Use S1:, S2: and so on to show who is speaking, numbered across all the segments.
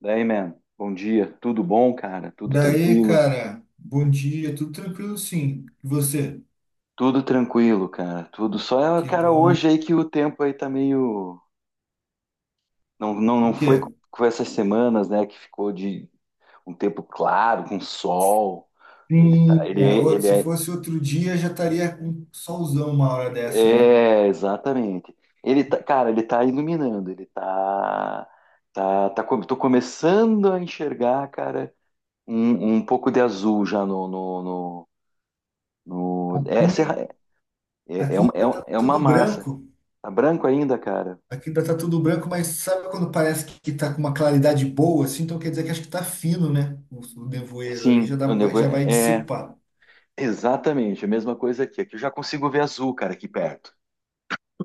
S1: Daí, man, bom dia. Tudo bom, cara? Tudo
S2: Daí,
S1: tranquilo?
S2: cara, bom dia, tudo tranquilo sim. E você?
S1: Tudo tranquilo, cara. Tudo só,
S2: Que
S1: cara, hoje
S2: bom.
S1: aí que o tempo aí tá meio. Não, não,
S2: O
S1: não foi com
S2: quê?
S1: com essas semanas, né, que ficou de um tempo claro, com sol. Ele tá,
S2: Sim,
S1: ele, é- ele
S2: se
S1: é.
S2: fosse outro dia já estaria com um solzão uma hora dessa, né?
S1: É, exatamente. Ele tá, cara, ele tá iluminando, ele tá. Tá, tá, tô começando a enxergar, cara, um pouco de azul já no- é,
S2: Aqui, aqui ainda tá
S1: É uma
S2: tudo
S1: massa.
S2: branco,
S1: Tá branco ainda, cara?
S2: aqui ainda tá tudo branco, mas sabe quando parece que tá com uma claridade boa, assim? Então quer dizer que acho que tá fino, né? O nevoeiro ali
S1: Sim,
S2: já dá, já vai
S1: é
S2: dissipar.
S1: exatamente a mesma coisa aqui. Aqui eu já consigo ver azul, cara, aqui perto.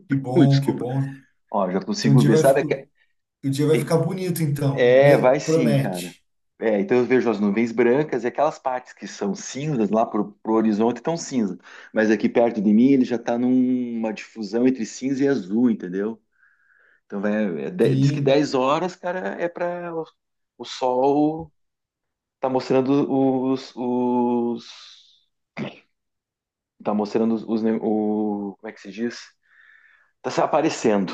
S2: Que
S1: Ui,
S2: bom, que
S1: desculpa.
S2: bom.
S1: Ó, já
S2: Então o
S1: consigo
S2: dia
S1: ver, sabe?
S2: o dia vai
S1: Tem-
S2: ficar bonito, então,
S1: É, vai sim, cara.
S2: promete.
S1: É, então eu vejo as nuvens brancas e aquelas partes que são cinzas lá pro horizonte estão cinzas. Mas aqui perto de mim ele já tá numa difusão entre cinza e azul, entendeu? Então vai, diz que
S2: Sim,
S1: 10 horas, cara, é para o sol. Tá mostrando como é que se diz? Tá se aparecendo,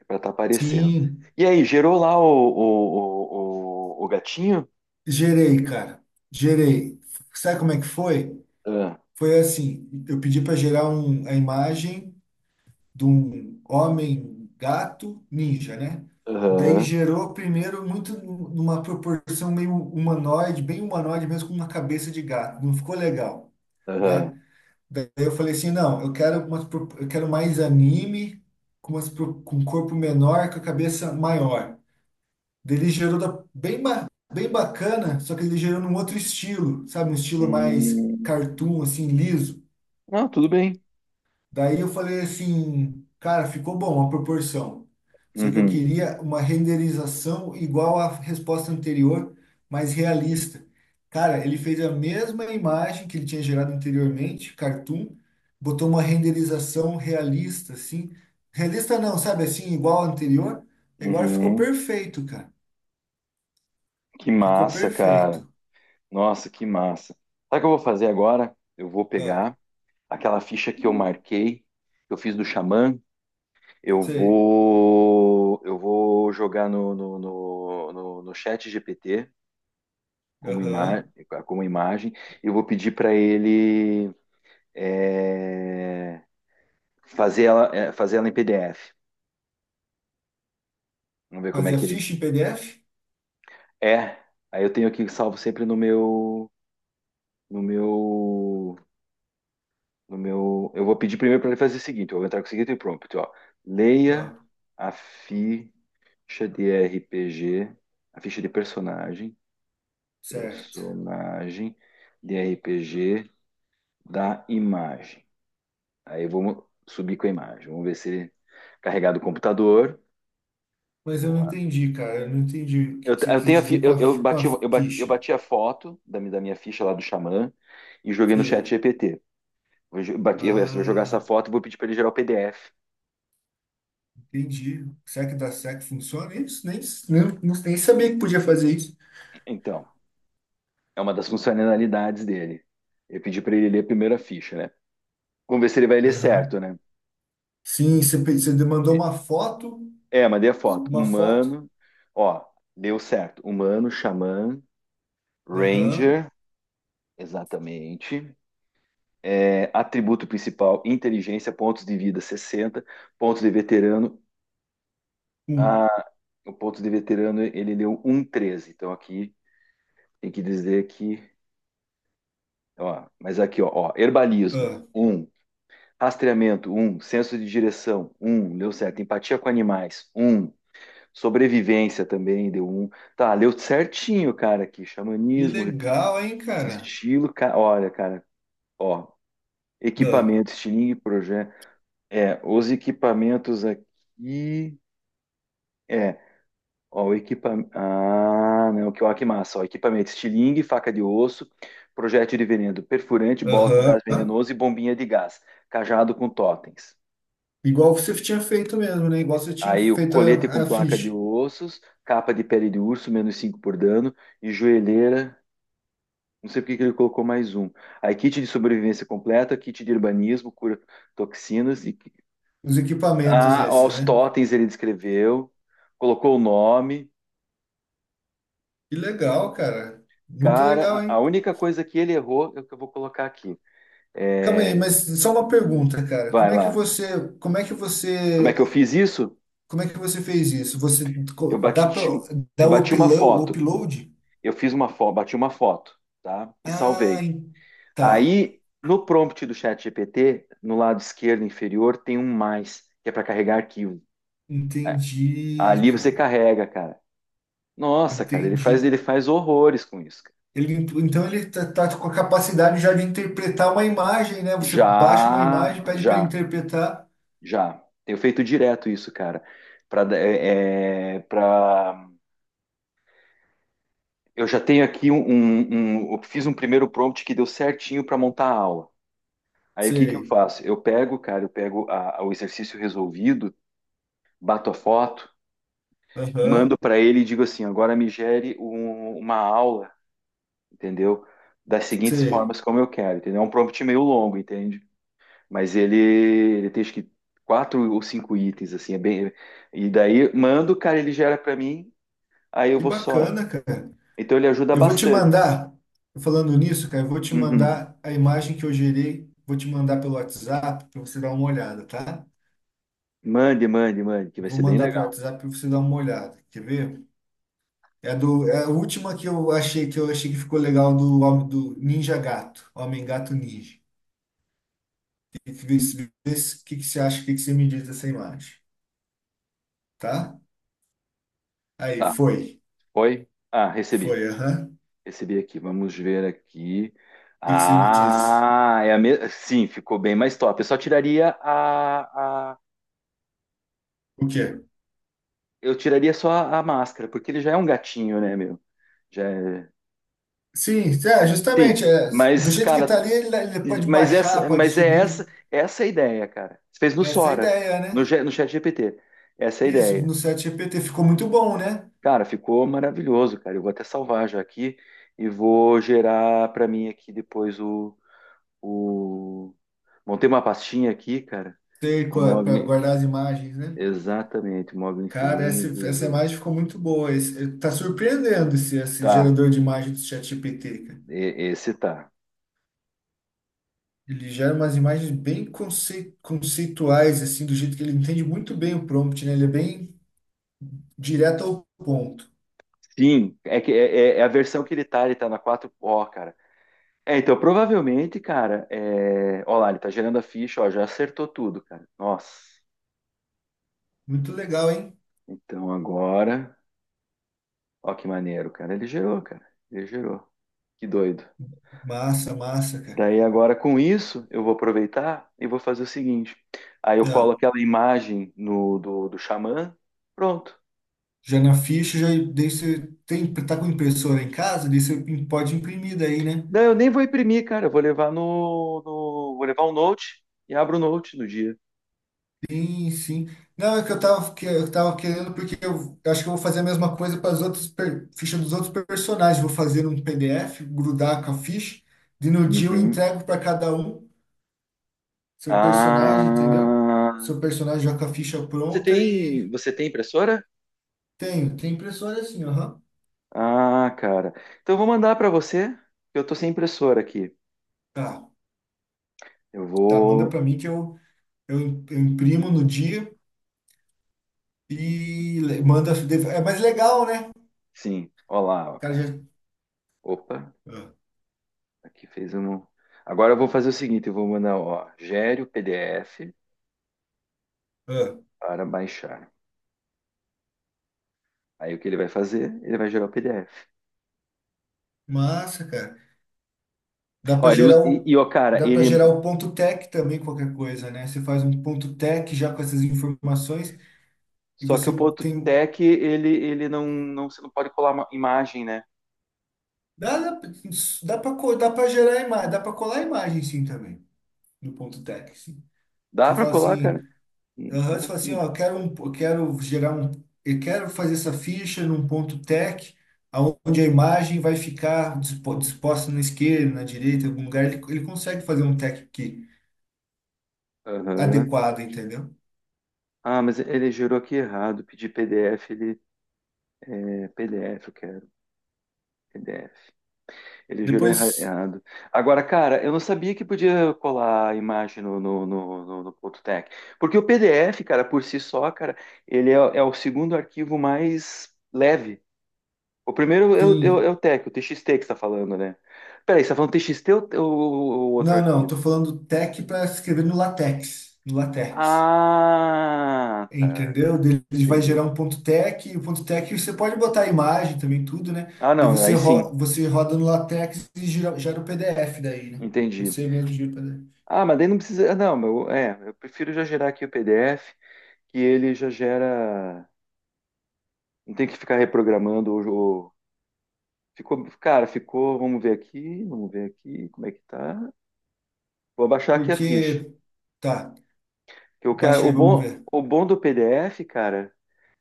S1: é pra tá aparecendo.
S2: sim.
S1: E aí, gerou lá o gatinho?
S2: Gerei, cara. Gerei. Sabe como é que foi?
S1: Ah,
S2: Foi assim, eu pedi para gerar a imagem de um homem gato ninja, né? Daí
S1: aham,
S2: gerou primeiro numa proporção meio humanoide, bem humanoide mesmo, com uma cabeça de gato. Não ficou legal,
S1: aham.
S2: né? Daí eu falei assim, não, eu quero mais anime, com, com um corpo menor, com a cabeça maior. Ele gerou bem bacana, só que ele gerou num outro estilo, sabe? Um estilo mais
S1: Hum,
S2: cartoon, assim, liso.
S1: não, tudo bem.
S2: Daí eu falei assim, cara, ficou bom a proporção. Só que eu
S1: Uhum,
S2: queria uma renderização igual à resposta anterior, mas realista. Cara, ele fez a mesma imagem que ele tinha gerado anteriormente, cartoon, botou uma renderização realista, assim. Realista não, sabe assim, igual ao anterior. Agora ficou
S1: uhum.
S2: perfeito, cara.
S1: Que
S2: Ficou
S1: massa, cara.
S2: perfeito.
S1: Nossa, que massa. Sabe o que eu vou fazer agora? Eu vou
S2: Ah,
S1: pegar aquela ficha que eu marquei, que eu fiz do xamã.
S2: sei.
S1: Eu vou jogar no chat GPT como, ima
S2: Aham.
S1: como imagem e vou pedir para ele é, fazer ela, fazer ela em PDF. Vamos ver como é
S2: Fazia
S1: que ele
S2: ficha em PDF?
S1: é. Aí eu tenho aqui salvo sempre no meu, no meu. Eu vou pedir primeiro para ele fazer o seguinte. Eu vou entrar com o seguinte prompt, ó. Leia
S2: Ah,
S1: a ficha de RPG, a ficha de personagem
S2: certo.
S1: Personagem de RPG da imagem. Aí eu vou subir com a imagem. Vamos ver se ele carregar do computador.
S2: Mas eu
S1: Vamos
S2: não
S1: lá.
S2: entendi, cara. Eu não entendi o que você
S1: Eu
S2: quis
S1: tenho a fi-
S2: dizer com a,
S1: eu
S2: com a
S1: bati, eu, ba- Eu
S2: ficha.
S1: bati a foto da minha ficha lá do Xamã e joguei no chat
S2: Sei.
S1: GPT. Eu vou jogar essa
S2: Ah,
S1: foto e vou pedir para ele gerar o PDF.
S2: entendi. Será que da SEC funciona isso? Nem, nem sabia que podia fazer isso.
S1: Então, é uma das funcionalidades dele. Eu pedi para ele ler a primeira ficha, né? Vamos ver se ele vai ler certo,
S2: Aham.
S1: né?
S2: Sim, você, você demandou uma foto.
S1: É, mandei a foto.
S2: Uma foto.
S1: Humano, ó, deu certo. Humano, xamã,
S2: Aham.
S1: Ranger, exatamente. É, atributo principal, inteligência, pontos de vida 60, pontos de veterano.
S2: Um.
S1: Ah, o ponto de veterano ele deu um vírgula treze. Então aqui tem que dizer que. Ó, mas aqui, ó, ó, herbalismo,
S2: Ah,
S1: um, rastreamento, um, senso de direção, um, deu certo. Empatia com animais, um, sobrevivência também deu um. Tá, deu certinho, cara, aqui.
S2: que
S1: Xamanismo,
S2: legal, hein, cara?
S1: estilo. Olha, cara, ó.
S2: Ah,
S1: Equipamento, estilingue, projeto. É, os equipamentos aqui. É, ó, o equipamento. Ah, não, que, ó, que massa. Ó, equipamento: estilingue, faca de osso, projétil de veneno, perfurante, bola com gás
S2: aham.
S1: venenoso e bombinha de gás, cajado com totens.
S2: Igual você tinha feito mesmo, né? Igual você tinha
S1: Aí o
S2: feito
S1: colete com
S2: a
S1: placa de
S2: ficha.
S1: ossos, capa de pele de urso, menos 5 por dano, e joelheira. Não sei por que que ele colocou mais um. Aí kit de sobrevivência completa, kit de urbanismo, cura toxinas. E...
S2: Os equipamentos
S1: Ah, ó,
S2: esses,
S1: os
S2: né?
S1: totens ele descreveu, colocou o nome.
S2: Que legal, cara. Muito legal,
S1: Cara,
S2: hein?
S1: a única coisa que ele errou é o que eu vou colocar aqui.
S2: Calma aí,
S1: É,
S2: mas só uma pergunta, cara.
S1: vai lá. Como é que eu fiz isso?
S2: Como é que você fez isso? Você
S1: Eu
S2: dá para
S1: bati, eu
S2: dá o
S1: bati uma
S2: upload, o
S1: foto.
S2: upload?
S1: Eu fiz uma foto, bati uma foto, tá? E
S2: Ah,
S1: salvei.
S2: tá.
S1: Aí, no prompt do chat GPT, no lado esquerdo inferior, tem um mais, que é para carregar arquivo. É,
S2: Entendi,
S1: ali você
S2: cara.
S1: carrega, cara. Nossa, cara,
S2: Entendi.
S1: ele faz horrores com isso, cara.
S2: Então ele tá com a capacidade já de interpretar uma imagem, né? Você baixa uma
S1: Já,
S2: imagem, pede para ele
S1: já,
S2: interpretar.
S1: já. Tenho feito direto isso, cara. Para Eu já tenho aqui eu fiz um primeiro prompt que deu certinho para montar a aula. Aí o que que eu
S2: Sei.
S1: faço? Eu pego, cara, eu pego o exercício resolvido, bato a foto,
S2: Aham.
S1: mando para ele e digo assim: agora me gere uma aula, entendeu? Das seguintes
S2: Sei.
S1: formas como eu quero, entendeu? É um prompt meio longo, entende? Mas ele tem acho que quatro ou cinco itens, assim, é bem. E daí mando, cara, ele gera para mim, aí eu
S2: Que
S1: vou só.
S2: bacana, cara.
S1: Então ele ajuda
S2: Eu vou te
S1: bastante.
S2: mandar, falando nisso, cara, eu vou te
S1: Uhum.
S2: mandar a imagem que eu gerei, vou te mandar pelo WhatsApp para você dar uma olhada, tá?
S1: Mande, mande, mande, que vai
S2: Vou
S1: ser bem
S2: mandar pelo
S1: legal.
S2: WhatsApp para você dar uma olhada. Quer ver? É do, é a última que eu achei que ficou legal do homem do Ninja Gato, Homem Gato Ninja. Que vê se- que você acha? O que que você me diz dessa imagem, tá? Aí,
S1: Tá.
S2: foi.
S1: Foi? Ah, recebi.
S2: Foi, aham. O
S1: Recebi aqui. Vamos ver aqui.
S2: que que você me disse?
S1: Ah, sim, ficou bem mais top. Eu só tiraria a...
S2: O quê?
S1: Eu tiraria só a máscara, porque ele já é um gatinho, né, meu? Já é...
S2: Sim, é,
S1: Sim,
S2: justamente, é, do
S1: mas,
S2: jeito que tá
S1: cara,
S2: ali, ele pode baixar, pode subir.
S1: essa é a ideia, cara. Você fez no
S2: Essa é a
S1: Sora,
S2: ideia, né?
S1: no chat GPT. Essa é a
S2: Isso,
S1: ideia.
S2: no chat GPT ficou muito bom, né?
S1: Cara, ficou maravilhoso, cara. Eu vou até salvar já aqui e vou gerar para mim aqui depois. O... Montei uma pastinha aqui, cara.
S2: Ter
S1: O
S2: para
S1: Mogli.
S2: guardar as imagens, né?
S1: Exatamente, Mogli
S2: Cara, essa,
S1: Infinito
S2: essa
S1: 18.
S2: imagem ficou muito boa. Tá surpreendendo esse
S1: Tá,
S2: gerador de imagem do chat GPT, cara.
S1: esse tá.
S2: Ele gera umas imagens bem conceituais, assim, do jeito que ele entende muito bem o prompt, né? Ele é bem direto ao ponto.
S1: Sim, é a versão que ele tá na quatro. Ó, cara. É, então provavelmente, cara, é... ó lá, ele tá gerando a ficha, ó, já acertou tudo, cara. Nossa.
S2: Muito legal, hein?
S1: Então agora, ó que maneiro, cara, ele gerou, cara. Ele gerou. Que doido.
S2: Massa, massa, cara.
S1: Daí agora com isso eu vou aproveitar e vou fazer o seguinte. Aí eu colo
S2: Ó,
S1: aquela imagem no do Xamã, pronto.
S2: já na ficha, já daí você tem, tá com impressora em casa, daí você pode imprimir daí, né?
S1: Daí eu nem vou imprimir, cara. Eu vou levar no, no- vou levar o Note e abro o Note no dia.
S2: Sim, sim. Não, é que eu tava querendo, porque eu acho que eu vou fazer a mesma coisa para as outras fichas dos outros personagens. Vou fazer um PDF, grudar com a ficha, e no dia eu
S1: Uhum.
S2: entrego para cada um seu personagem, entendeu?
S1: Ah,
S2: Seu personagem já com a ficha pronta e
S1: você tem impressora?
S2: tenho, tem impressora assim, aham.
S1: Ah, cara. Então eu vou mandar para você, que eu tô sem impressora aqui.
S2: Tá,
S1: Eu
S2: tá, manda
S1: vou,
S2: para mim que eu, eu imprimo no dia e manda. É mais legal, né? O
S1: sim. Olá, ó,
S2: cara
S1: cara.
S2: já.
S1: Opa.
S2: Ah,
S1: Aqui fez um. Agora eu vou fazer o seguinte, eu vou mandar, ó, gere o PDF
S2: ah.
S1: para baixar. Aí o que ele vai fazer? Ele vai gerar o PDF.
S2: Massa, cara. Dá para
S1: Ó, ele usa,
S2: gerar o,
S1: e, ó, cara,
S2: dá para gerar
S1: ele
S2: o ponto tech também, qualquer coisa, né? Você faz um ponto tech já com essas informações e
S1: só que o
S2: você
S1: ponto
S2: tem.
S1: .tec ele não você não pode colar uma imagem, né?
S2: Dá, dá para gerar imagem, dá para colar imagem sim também no ponto tech, sim.
S1: Dá
S2: Você
S1: para
S2: fala
S1: colar,
S2: assim,
S1: cara? Hum,
S2: aham, você
S1: hum,
S2: fala assim, ó,
S1: hum.
S2: eu quero um, eu quero gerar um, eu quero fazer essa ficha num ponto tech, aonde a imagem vai ficar disposta na esquerda, na direita, em algum lugar, ele consegue fazer um tech que
S1: Aham.
S2: adequado, entendeu?
S1: Ah, mas ele gerou aqui errado. Pedi PDF, ele é PDF, eu quero PDF. Ele jurou
S2: Depois,
S1: errado. Agora, cara, eu não sabia que podia colar a imagem no ponto .tec. Porque o PDF, cara, por si só, cara, ele é o segundo arquivo mais leve. O primeiro é
S2: sim.
S1: é o .tec, o TXT que você tá falando, né? Peraí, você tá falando TXT ou o outro
S2: Não, não,
S1: arquivo?
S2: tô falando tech para escrever no LaTeX, no LaTeX.
S1: Ah, tá.
S2: Entendeu? Daí ele vai gerar
S1: Entendi.
S2: um ponto .tech, e o ponto .tech você pode botar a imagem também, tudo, né?
S1: Ah,
S2: Daí
S1: não,
S2: você,
S1: aí sim,
S2: você roda no LaTeX e gera o PDF daí, né?
S1: entendi.
S2: Você mesmo gira o PDF.
S1: Ah, mas daí não precisa. Ah, não, meu, é, eu prefiro já gerar aqui o PDF, que ele já gera. Não tem que ficar reprogramando o jogo. Ficou, cara, ficou, vamos ver aqui, como é que tá. Vou abaixar aqui a ficha.
S2: Porque, tá,
S1: Que o cara,
S2: baixa aí, vamos ver.
S1: o bom do PDF, cara,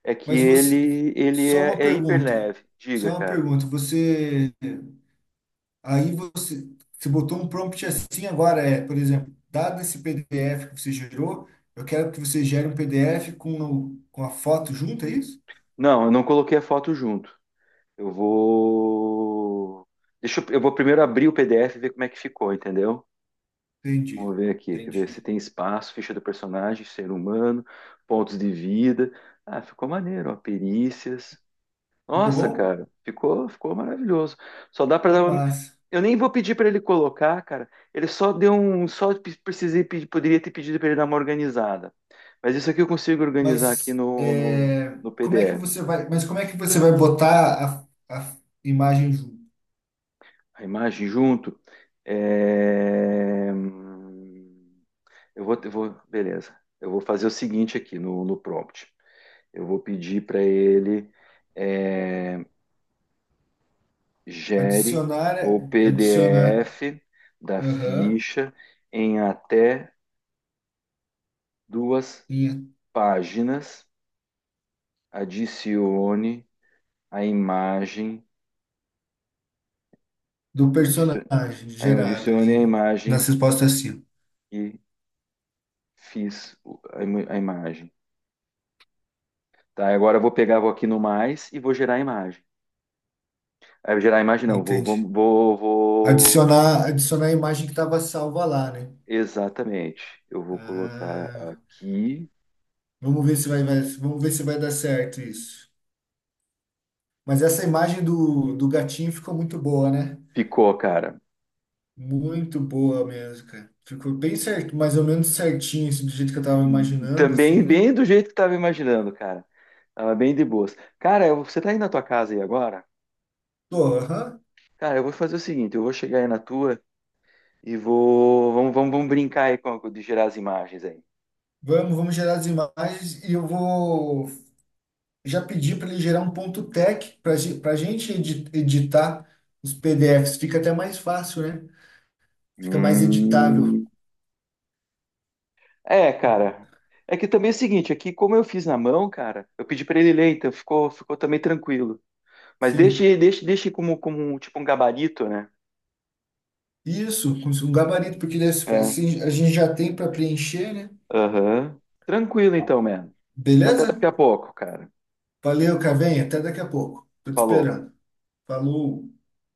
S1: é que
S2: Mas você,
S1: ele
S2: só uma
S1: é hiper
S2: pergunta,
S1: leve.
S2: só
S1: Diga,
S2: uma
S1: cara.
S2: pergunta. Você Aí você, botou um prompt assim agora, é, por exemplo, dado esse PDF que você gerou, eu quero que você gere um PDF com, com a foto junto, é isso?
S1: Não, eu não coloquei a foto junto. Eu vou Deixa eu vou primeiro abrir o PDF e ver como é que ficou, entendeu?
S2: Entendi,
S1: Vamos ver aqui, quer ver se
S2: entendi.
S1: tem espaço, ficha do personagem, ser humano, pontos de vida. Ah, ficou maneiro, ó, perícias.
S2: Ficou
S1: Nossa,
S2: bom?
S1: cara, ficou maravilhoso. Só dá para
S2: Que
S1: dar uma.
S2: massa.
S1: Eu nem vou pedir para ele colocar, cara. Ele só deu um, só precisei pedir, poderia ter pedido para ele dar uma organizada. Mas isso aqui eu consigo organizar aqui
S2: Mas é,
S1: no PDF.
S2: mas como é que você vai botar a imagem junto?
S1: A imagem junto. É, hum. Eu vou, beleza. Eu vou fazer o seguinte aqui no prompt. Eu vou pedir para ele. É, gere
S2: Adicionar,
S1: o
S2: adicionar,
S1: PDF da
S2: aham,
S1: ficha em até duas
S2: linha
S1: páginas, adicione a imagem,
S2: do
S1: adici-
S2: personagem gerada
S1: adicione a
S2: ali
S1: imagem
S2: nas respostas acima.
S1: que fiz o- a im- a imagem. Tá, agora eu vou pegar, vou aqui no mais e vou gerar a imagem. Ah, gerar a imagem não,
S2: Entendi. Adicionar, adicionar a imagem que estava salva lá, né?
S1: exatamente. Eu vou colocar
S2: Ah,
S1: aqui.
S2: vamos ver se vamos ver se vai dar certo isso. Mas essa imagem do, do gatinho ficou muito boa, né?
S1: Ficou, cara.
S2: Muito boa mesmo, cara. Ficou bem certo, mais ou menos certinho, assim, do jeito que eu tava imaginando,
S1: Também
S2: assim, né?
S1: bem do jeito que tava imaginando, cara. Tava bem de boas. Cara, você tá aí na tua casa aí agora?
S2: Tô, aham.
S1: Cara, eu vou fazer o seguinte, eu vou chegar aí na tua e vou... vamos brincar aí com, de gerar as imagens aí.
S2: Vamos, vamos gerar as imagens e eu vou já pedir para ele gerar um ponto tech para gente editar os PDFs. Fica até mais fácil, né? Fica mais editável.
S1: Hum. É, cara. É que também é o seguinte, aqui como eu fiz na mão, cara, eu pedi pra ele ler, então ficou também tranquilo. Mas
S2: Sim.
S1: deixe como, tipo um gabarito, né?
S2: Isso, com um gabarito, porque
S1: É.
S2: assim assim, a gente já tem para preencher, né?
S1: Aham. Tranquilo então, mano. Então até
S2: Beleza?
S1: daqui a pouco, cara.
S2: Valeu, Cavenha. Até daqui a pouco. Tô te
S1: Falou.
S2: esperando. Falou.